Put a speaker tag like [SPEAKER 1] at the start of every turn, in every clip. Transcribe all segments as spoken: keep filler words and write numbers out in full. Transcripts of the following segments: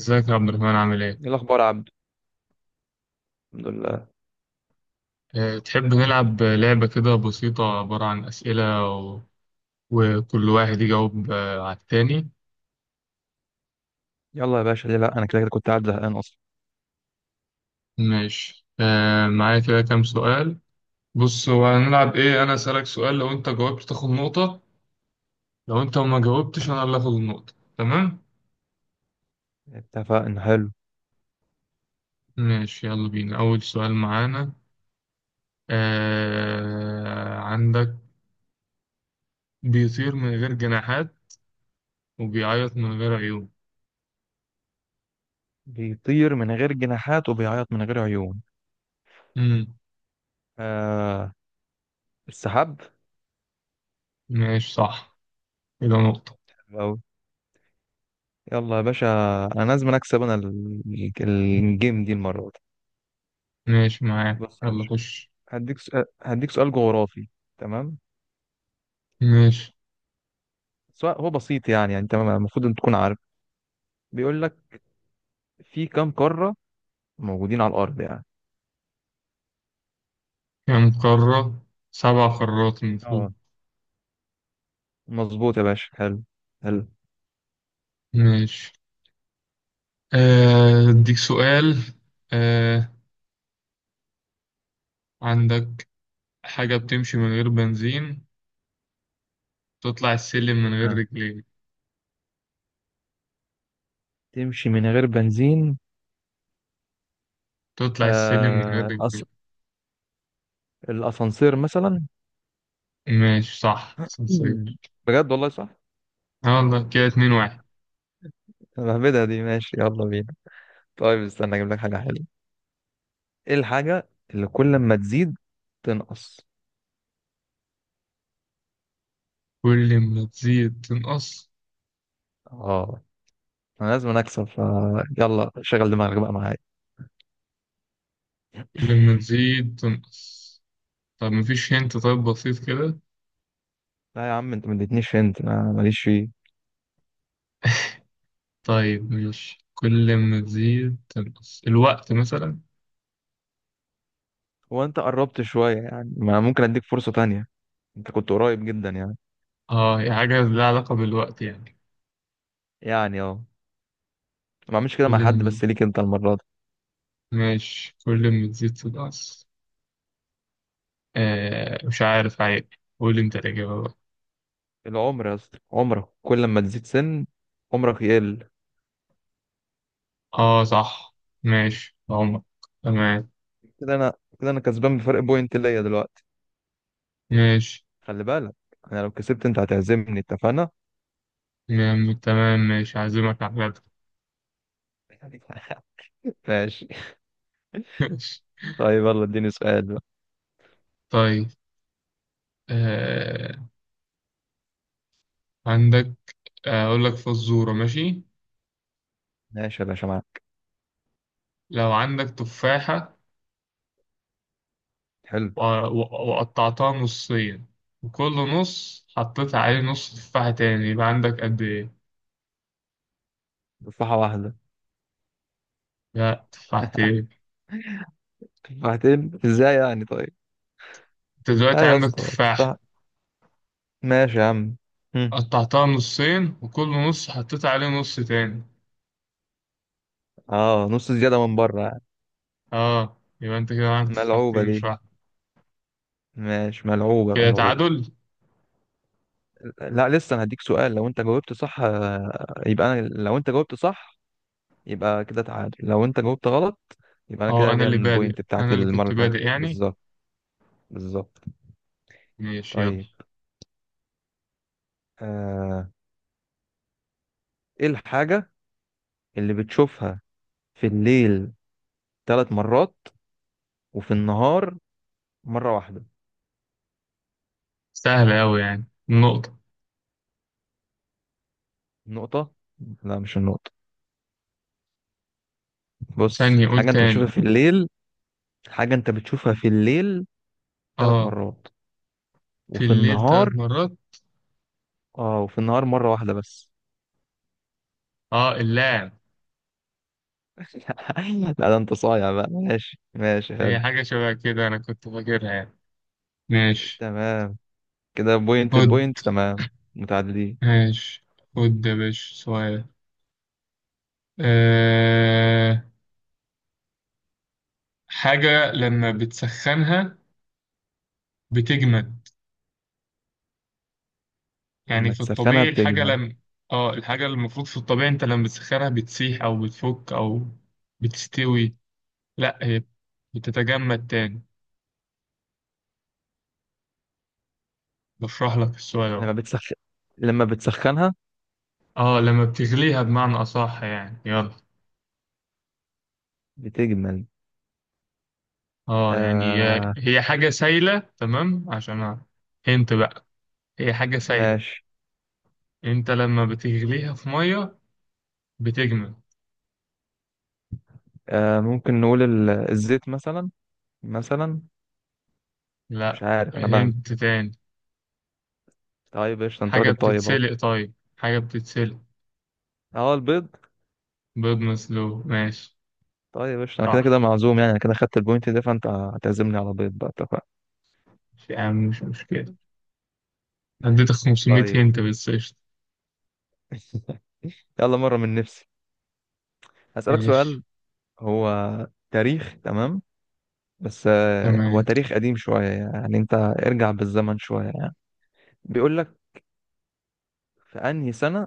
[SPEAKER 1] ازيك يا عبد الرحمن عامل ايه؟
[SPEAKER 2] ايه الاخبار يا عبد؟ الحمد لله.
[SPEAKER 1] أه تحب نلعب لعبة كده بسيطة عبارة عن أسئلة. و... وكل واحد يجاوب آه، على التاني.
[SPEAKER 2] يلا يا باشا، ليه لا، انا كده كده كنت قاعد زهقان اصلا.
[SPEAKER 1] ماشي أه معايا كده كام سؤال. بص هو هنلعب ايه، أنا أسألك سؤال لو أنت جاوبت تاخد نقطة. لو أنت ما جاوبتش أنا اللي هاخد النقطة، تمام؟
[SPEAKER 2] اتفقنا، حلو.
[SPEAKER 1] ماشي يلا بينا أول سؤال معانا. أه عندك بيطير من غير جناحات وبيعيط من غير عيون.
[SPEAKER 2] بيطير من غير جناحات وبيعيط من غير عيون.
[SPEAKER 1] مم.
[SPEAKER 2] آه، السحاب.
[SPEAKER 1] ماشي صح. كده نقطة.
[SPEAKER 2] أو، يلا يا باشا، انا لازم اكسب، انا ال- الجيم دي المره دي.
[SPEAKER 1] ماشي معايا
[SPEAKER 2] بص يا
[SPEAKER 1] يلا
[SPEAKER 2] باشا،
[SPEAKER 1] خش.
[SPEAKER 2] هديك سؤال هديك سؤال جغرافي. تمام.
[SPEAKER 1] ماشي.
[SPEAKER 2] سؤال هو بسيط يعني يعني انت المفروض ان تكون عارف. بيقول لك، في كام قاره موجودين على الارض يعني؟
[SPEAKER 1] كام قارة؟ سبع قارات المفروض.
[SPEAKER 2] اه، مظبوط يا باشا، حلو حلو.
[SPEAKER 1] ماشي. آه، أديك سؤال. آه، عندك حاجة بتمشي من غير بنزين، تطلع السلم من غير
[SPEAKER 2] تمام،
[SPEAKER 1] رجلين.
[SPEAKER 2] تمشي من غير بنزين.
[SPEAKER 1] تطلع السلم من غير
[SPEAKER 2] آه الأس...
[SPEAKER 1] رجلين.
[SPEAKER 2] الأسانسير مثلا.
[SPEAKER 1] ماشي صح، سنسير.
[SPEAKER 2] مم. بجد والله صح.
[SPEAKER 1] يلا كده اتنين واحد.
[SPEAKER 2] مهبدة دي، ماشي يلا بينا. طيب استنى أجيب لك حاجة حلوة. إيه الحاجة اللي كل ما تزيد تنقص؟
[SPEAKER 1] كل ما تزيد تنقص.
[SPEAKER 2] اه، أنا لازم أكسب، ف يلا شغل دماغك بقى معايا.
[SPEAKER 1] كل ما تزيد تنقص. طب مفيش، هنت. طيب بسيط كده.
[SPEAKER 2] لا يا عم، أنت ما اديتنيش، انت أنا ماليش فيه.
[SPEAKER 1] طيب ماشي، كل ما تزيد تنقص الوقت مثلا.
[SPEAKER 2] هو أنت قربت شوية يعني، ما ممكن أديك فرصة تانية، أنت كنت قريب جدا يعني.
[SPEAKER 1] اه هي حاجة لها علاقة بالوقت يعني.
[SPEAKER 2] يعني اه، ما أعملش كده
[SPEAKER 1] كل
[SPEAKER 2] مع حد
[SPEAKER 1] ما
[SPEAKER 2] بس ليك أنت المرة دي.
[SPEAKER 1] ماشي كل ما تزيد تنقص. آه مش عارف، عيب. قول انت الإجابة بقى.
[SPEAKER 2] العمر يا اسطى، عمرك كل ما تزيد سن عمرك يقل.
[SPEAKER 1] اه صح. ماشي عمر. تمام.
[SPEAKER 2] كده انا، كده انا كسبان بفرق بوينت ليا دلوقتي.
[SPEAKER 1] ماشي.
[SPEAKER 2] خلي بالك، انا لو كسبت انت هتعزمني، اتفقنا.
[SPEAKER 1] تمام تمام، ماشي هعزمك على الغدا.
[SPEAKER 2] ماشي.
[SPEAKER 1] ماشي.
[SPEAKER 2] طيب يلا اديني سؤال بقى.
[SPEAKER 1] طيب. آه عندك. آه، أقول لك فزورة، ماشي.
[SPEAKER 2] ماشي يا باشا، معاك.
[SPEAKER 1] لو عندك تفاحة
[SPEAKER 2] حلو.
[SPEAKER 1] و- و- وقطعتها نصين وكل نص حطيت عليه نص تفاحة تاني، يبقى عندك قد إيه؟
[SPEAKER 2] تفاحة واحدة.
[SPEAKER 1] لا، تفاحتين.
[SPEAKER 2] تفاحتين ازاي يعني؟ طيب،
[SPEAKER 1] انت
[SPEAKER 2] ها
[SPEAKER 1] دلوقتي
[SPEAKER 2] يا
[SPEAKER 1] عندك
[SPEAKER 2] اسطى
[SPEAKER 1] تفاحة.
[SPEAKER 2] تفاحة. ماشي يا عم. هم.
[SPEAKER 1] قطعتها نصين وكل نص حطيت عليه نص تاني.
[SPEAKER 2] اه، نص زيادة من بره يعني.
[SPEAKER 1] اه يبقى انت كده عندك
[SPEAKER 2] ملعوبة
[SPEAKER 1] تفاحتين مش
[SPEAKER 2] دي،
[SPEAKER 1] واحدة.
[SPEAKER 2] ماشي، ملعوبة
[SPEAKER 1] كده
[SPEAKER 2] ملعوبة.
[SPEAKER 1] تعادل.
[SPEAKER 2] لا لسه انا هديك سؤال، لو انت جاوبت صح آه، يبقى انا، لو انت جاوبت صح يبقى كده تعادل، لو انت جاوبت غلط يبقى انا
[SPEAKER 1] اه
[SPEAKER 2] كده
[SPEAKER 1] انا
[SPEAKER 2] ليا
[SPEAKER 1] اللي بادئ،
[SPEAKER 2] البوينت بتاعتي
[SPEAKER 1] انا اللي
[SPEAKER 2] المره
[SPEAKER 1] كنت
[SPEAKER 2] اللي فاتت
[SPEAKER 1] بادئ يعني.
[SPEAKER 2] بالظبط. بالظبط.
[SPEAKER 1] ماشي يلا.
[SPEAKER 2] طيب، آه... ايه الحاجه اللي بتشوفها في الليل ثلاث مرات وفي النهار مره واحده؟
[SPEAKER 1] سهلة اوي يعني النقطة.
[SPEAKER 2] النقطه؟ لا مش النقطه. بص،
[SPEAKER 1] ثانية، قول
[SPEAKER 2] حاجه انت بتشوفها
[SPEAKER 1] تاني.
[SPEAKER 2] في الليل. حاجه انت بتشوفها في الليل ثلاث
[SPEAKER 1] اه.
[SPEAKER 2] مرات
[SPEAKER 1] في
[SPEAKER 2] وفي
[SPEAKER 1] الليل
[SPEAKER 2] النهار.
[SPEAKER 1] ثلاث مرات.
[SPEAKER 2] اه، وفي النهار مره واحده بس.
[SPEAKER 1] اه اللاعب.
[SPEAKER 2] لا ده انت صايع بقى، ماشي ماشي،
[SPEAKER 1] هي
[SPEAKER 2] حلو.
[SPEAKER 1] حاجة شبه كده انا كنت فاكرها يعني. ماشي.
[SPEAKER 2] تمام، كده بوينت
[SPEAKER 1] خد.
[SPEAKER 2] البوينت، تمام، متعادلين.
[SPEAKER 1] ماشي. خد يا باشا سؤال. أه... حاجة لما بتسخنها بتجمد. يعني
[SPEAKER 2] لما
[SPEAKER 1] في
[SPEAKER 2] تسخنها
[SPEAKER 1] الطبيعي الحاجة
[SPEAKER 2] بتجمل.
[SPEAKER 1] لم اه الحاجة اللي المفروض في الطبيعي انت لما بتسخنها بتسيح او بتفك او بتستوي، لا هي بتتجمد تاني. بشرح لك السؤال اهو.
[SPEAKER 2] لما بتسخن، لما بتسخنها
[SPEAKER 1] اه لما بتغليها بمعنى اصح يعني، يلا.
[SPEAKER 2] بتجمل.
[SPEAKER 1] اه يعني هي
[SPEAKER 2] آه
[SPEAKER 1] هي حاجة سايلة تمام عشان. انت بقى، هي حاجة سايلة،
[SPEAKER 2] ماشي.
[SPEAKER 1] انت لما بتغليها في مية بتجمد.
[SPEAKER 2] آه ممكن نقول ال... الزيت مثلا، مثلا.
[SPEAKER 1] لا
[SPEAKER 2] مش عارف انا بهبد.
[SPEAKER 1] هنت تاني.
[SPEAKER 2] طيب قشطة، انت
[SPEAKER 1] حاجة
[SPEAKER 2] راجل طيب اهو.
[SPEAKER 1] بتتسلق، طيب حاجة بتتسلق.
[SPEAKER 2] اه، البيض.
[SPEAKER 1] بيض مسلوق، ماشي.
[SPEAKER 2] طيب قشطة، انا كده
[SPEAKER 1] صح.
[SPEAKER 2] كده معزوم يعني، انا كده خدت البوينت ده، فانت هتعزمني على بيض بقى، اتفقنا.
[SPEAKER 1] يا عم مش مشكلة. اديتك خمسمية
[SPEAKER 2] طيب.
[SPEAKER 1] هنت، بس قشطة.
[SPEAKER 2] يلا مرة من نفسي هسألك
[SPEAKER 1] ماشي.
[SPEAKER 2] سؤال. هو تاريخ، تمام، بس آه، هو
[SPEAKER 1] تمام.
[SPEAKER 2] تاريخ قديم شوية يعني، انت ارجع بالزمن شوية يعني. بيقول لك، في انهي سنة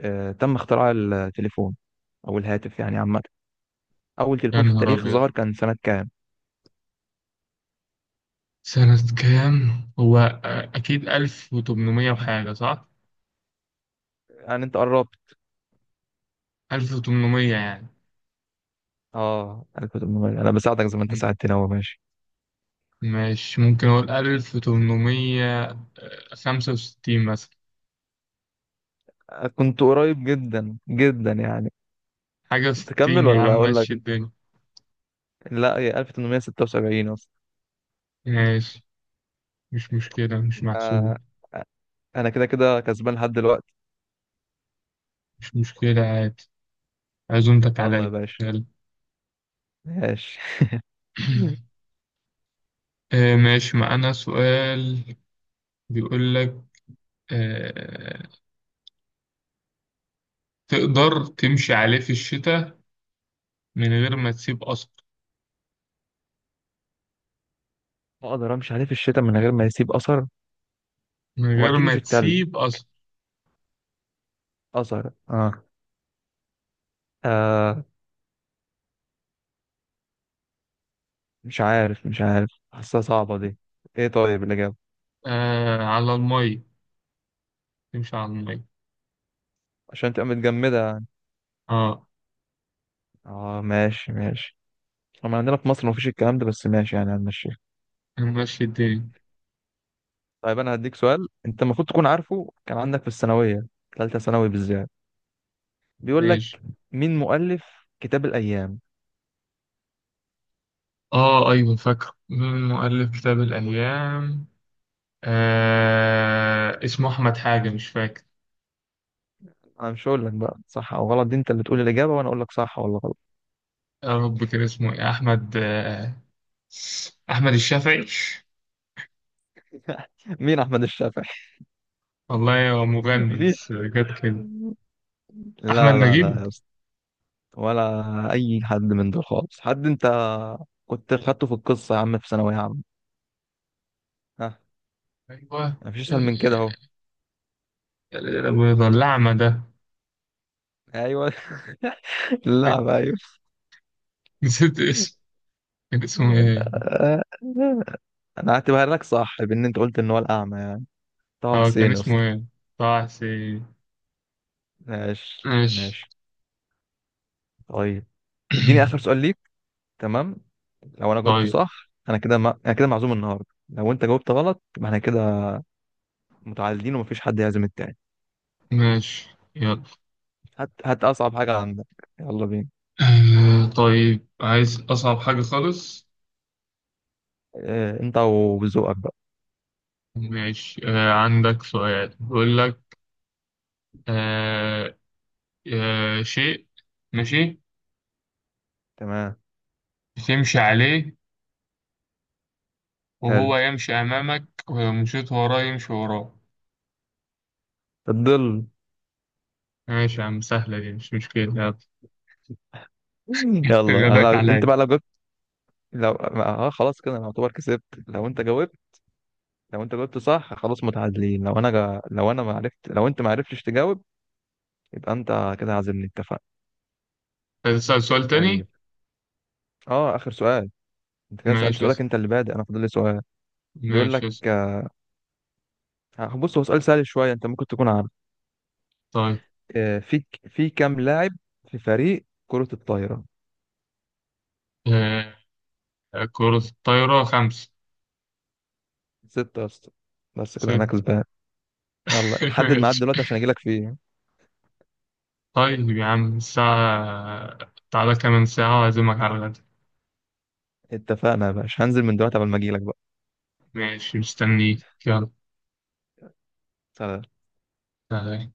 [SPEAKER 2] آه، تم اختراع التليفون او الهاتف يعني عامة؟ اول
[SPEAKER 1] يا
[SPEAKER 2] تليفون في
[SPEAKER 1] نهار
[SPEAKER 2] التاريخ
[SPEAKER 1] أبيض،
[SPEAKER 2] ظهر كان سنة كام؟
[SPEAKER 1] سنة كام؟ هو آه، أكيد ألف وتمنمية وحاجة، صح؟
[SPEAKER 2] يعني انت قربت،
[SPEAKER 1] ألف وتمنمية يعني.
[SPEAKER 2] اه انا كنت، انا بساعدك زي ما انت
[SPEAKER 1] م-
[SPEAKER 2] ساعدتني اهو، ماشي.
[SPEAKER 1] ماشي ممكن أقول ألف وتمنمية وخمسة وستين مثلا.
[SPEAKER 2] آه، كنت قريب جدا جدا يعني.
[SPEAKER 1] حاجة وستين
[SPEAKER 2] تكمل
[SPEAKER 1] يا عم،
[SPEAKER 2] ولا اقول لك؟
[SPEAKER 1] ماشي الدنيا.
[SPEAKER 2] لا، هي ألف وثمانمية وستة وسبعين اصلا.
[SPEAKER 1] ماشي، مش مشكلة مش محسوبة.
[SPEAKER 2] آه، انا كده كده كسبان لحد دلوقتي.
[SPEAKER 1] مش مشكلة عادي. عزومتك
[SPEAKER 2] يلا يا
[SPEAKER 1] عليا.
[SPEAKER 2] باشا.
[SPEAKER 1] يلا.
[SPEAKER 2] ماشي.
[SPEAKER 1] آه، ماشي معانا سؤال. بيقول لك آه، تقدر تمشي عليه في الشتاء من غير ما تسيب أثر.
[SPEAKER 2] اقدر امشي عليه في الشتاء من غير ما يسيب اثر.
[SPEAKER 1] من غير
[SPEAKER 2] واكيد
[SPEAKER 1] ما
[SPEAKER 2] مش التلج.
[SPEAKER 1] تسيب أثر.
[SPEAKER 2] أزهر آه. آه، مش عارف، مش عارف حاسها صعبة دي. إيه طيب الإجابة؟
[SPEAKER 1] آه على المية، تمشي على المية.
[SPEAKER 2] عشان تبقى متجمدة يعني.
[SPEAKER 1] اه
[SPEAKER 2] آه ماشي ماشي. طبعا عندنا في مصر مفيش الكلام ده، بس ماشي يعني هنمشيها.
[SPEAKER 1] ماشي الدنيا.
[SPEAKER 2] طيب، أنا هديك سؤال أنت المفروض تكون عارفه، كان عندك في الثانوية، ثالثة ثانوي بالذات. بيقول
[SPEAKER 1] ماشي.
[SPEAKER 2] لك، مين مؤلف كتاب الأيام؟
[SPEAKER 1] اه أيوة فاكر. مين مؤلف كتاب الأيام؟ آه اسمه أحمد حاجة، مش فاكر.
[SPEAKER 2] أنا مش هقول لك بقى صح أو غلط، دي أنت اللي تقول الإجابة وأنا أقول لك صح ولا غلط.
[SPEAKER 1] يا رب كان اسمه إيه أحمد آه، أحمد الشافعي.
[SPEAKER 2] مين أحمد الشافعي؟
[SPEAKER 1] والله هو مغني، بس
[SPEAKER 2] مفيش،
[SPEAKER 1] جت كده. أحمد
[SPEAKER 2] لا لا
[SPEAKER 1] نجيب.
[SPEAKER 2] لا، ولا اي حد من دول خالص. حد انت كنت خدته في القصه يا عم، في ثانويه عامه. ها.
[SPEAKER 1] أيوة.
[SPEAKER 2] مفيش اسهل من كده اهو.
[SPEAKER 1] آه، الأعمى ده.
[SPEAKER 2] ايوه. اللعب، ايوه.
[SPEAKER 1] نسيت اسمه. كان اسمه ايه؟
[SPEAKER 2] انا هعتبرها لك صح، بان انت قلت ان هو الاعمى يعني. طه
[SPEAKER 1] اه كان
[SPEAKER 2] حسين
[SPEAKER 1] اسمه
[SPEAKER 2] اصلا.
[SPEAKER 1] ايه؟ طه حسين.
[SPEAKER 2] ماشي
[SPEAKER 1] ماشي.
[SPEAKER 2] ماشي. طيب، اديني اخر سؤال ليك. تمام، لو انا جاوبته
[SPEAKER 1] طيب.
[SPEAKER 2] صح انا كده ما... انا كده معزوم النهارده، لو انت جاوبت غلط يبقى احنا كده متعادلين ومفيش حد يعزم التاني.
[SPEAKER 1] ماشي. يلا.
[SPEAKER 2] هات هات اصعب حاجه عندك، يلا بينا.
[SPEAKER 1] آه طيب عايز أصعب حاجة خالص.
[SPEAKER 2] اه... انت وذوقك بقى.
[SPEAKER 1] ماشي. آه عندك سؤال. بيقول لك آه آه شيء، ماشي،
[SPEAKER 2] تمام.
[SPEAKER 1] تمشي عليه
[SPEAKER 2] حلو،
[SPEAKER 1] وهو يمشي أمامك ولو مشيت وراه يمشي وراه.
[SPEAKER 2] الظل.
[SPEAKER 1] ماشي يا عم سهلة دي مش مشكلة، يلا.
[SPEAKER 2] يلا انا
[SPEAKER 1] غداك
[SPEAKER 2] لو... انت
[SPEAKER 1] عليا.
[SPEAKER 2] بقى لو جبت، لو اه خلاص، كده انا اعتبر كسبت لو انت جاوبت لو انت جاوبت صح خلاص متعادلين، لو انا جا... لو انا ما عرفت لو انت ما عرفتش تجاوب يبقى انت كده عازمني، اتفقنا.
[SPEAKER 1] هتسأل سؤال
[SPEAKER 2] طيب،
[SPEAKER 1] تاني؟
[SPEAKER 2] اه اخر سؤال. انت كده سألت
[SPEAKER 1] ماشي
[SPEAKER 2] سؤالك،
[SPEAKER 1] اسأل.
[SPEAKER 2] انت اللي بادئ، انا فاضل لي سؤال. بيقول
[SPEAKER 1] ماشي
[SPEAKER 2] لك
[SPEAKER 1] اسأل.
[SPEAKER 2] آه، بص هو سؤال سهل شويه، انت ممكن تكون عارف.
[SPEAKER 1] طيب.
[SPEAKER 2] آه، في في كام لاعب في فريق كرة الطايرة؟
[SPEAKER 1] آه كرة الطايرة خمسة.
[SPEAKER 2] ستة يا اسطى، بس كده انا
[SPEAKER 1] ست.
[SPEAKER 2] كسبان. يلا حدد ميعاد
[SPEAKER 1] ماشي.
[SPEAKER 2] دلوقتي عشان اجي لك فيه.
[SPEAKER 1] طيب يا عم الساعة، تعالى كمان ساعة وأعزمك على الغدا.
[SPEAKER 2] اتفقنا يا باشا، هنزل من دلوقتي قبل ما اجي لك.
[SPEAKER 1] ماشي مستنيك، يلا.
[SPEAKER 2] صح.
[SPEAKER 1] سلام.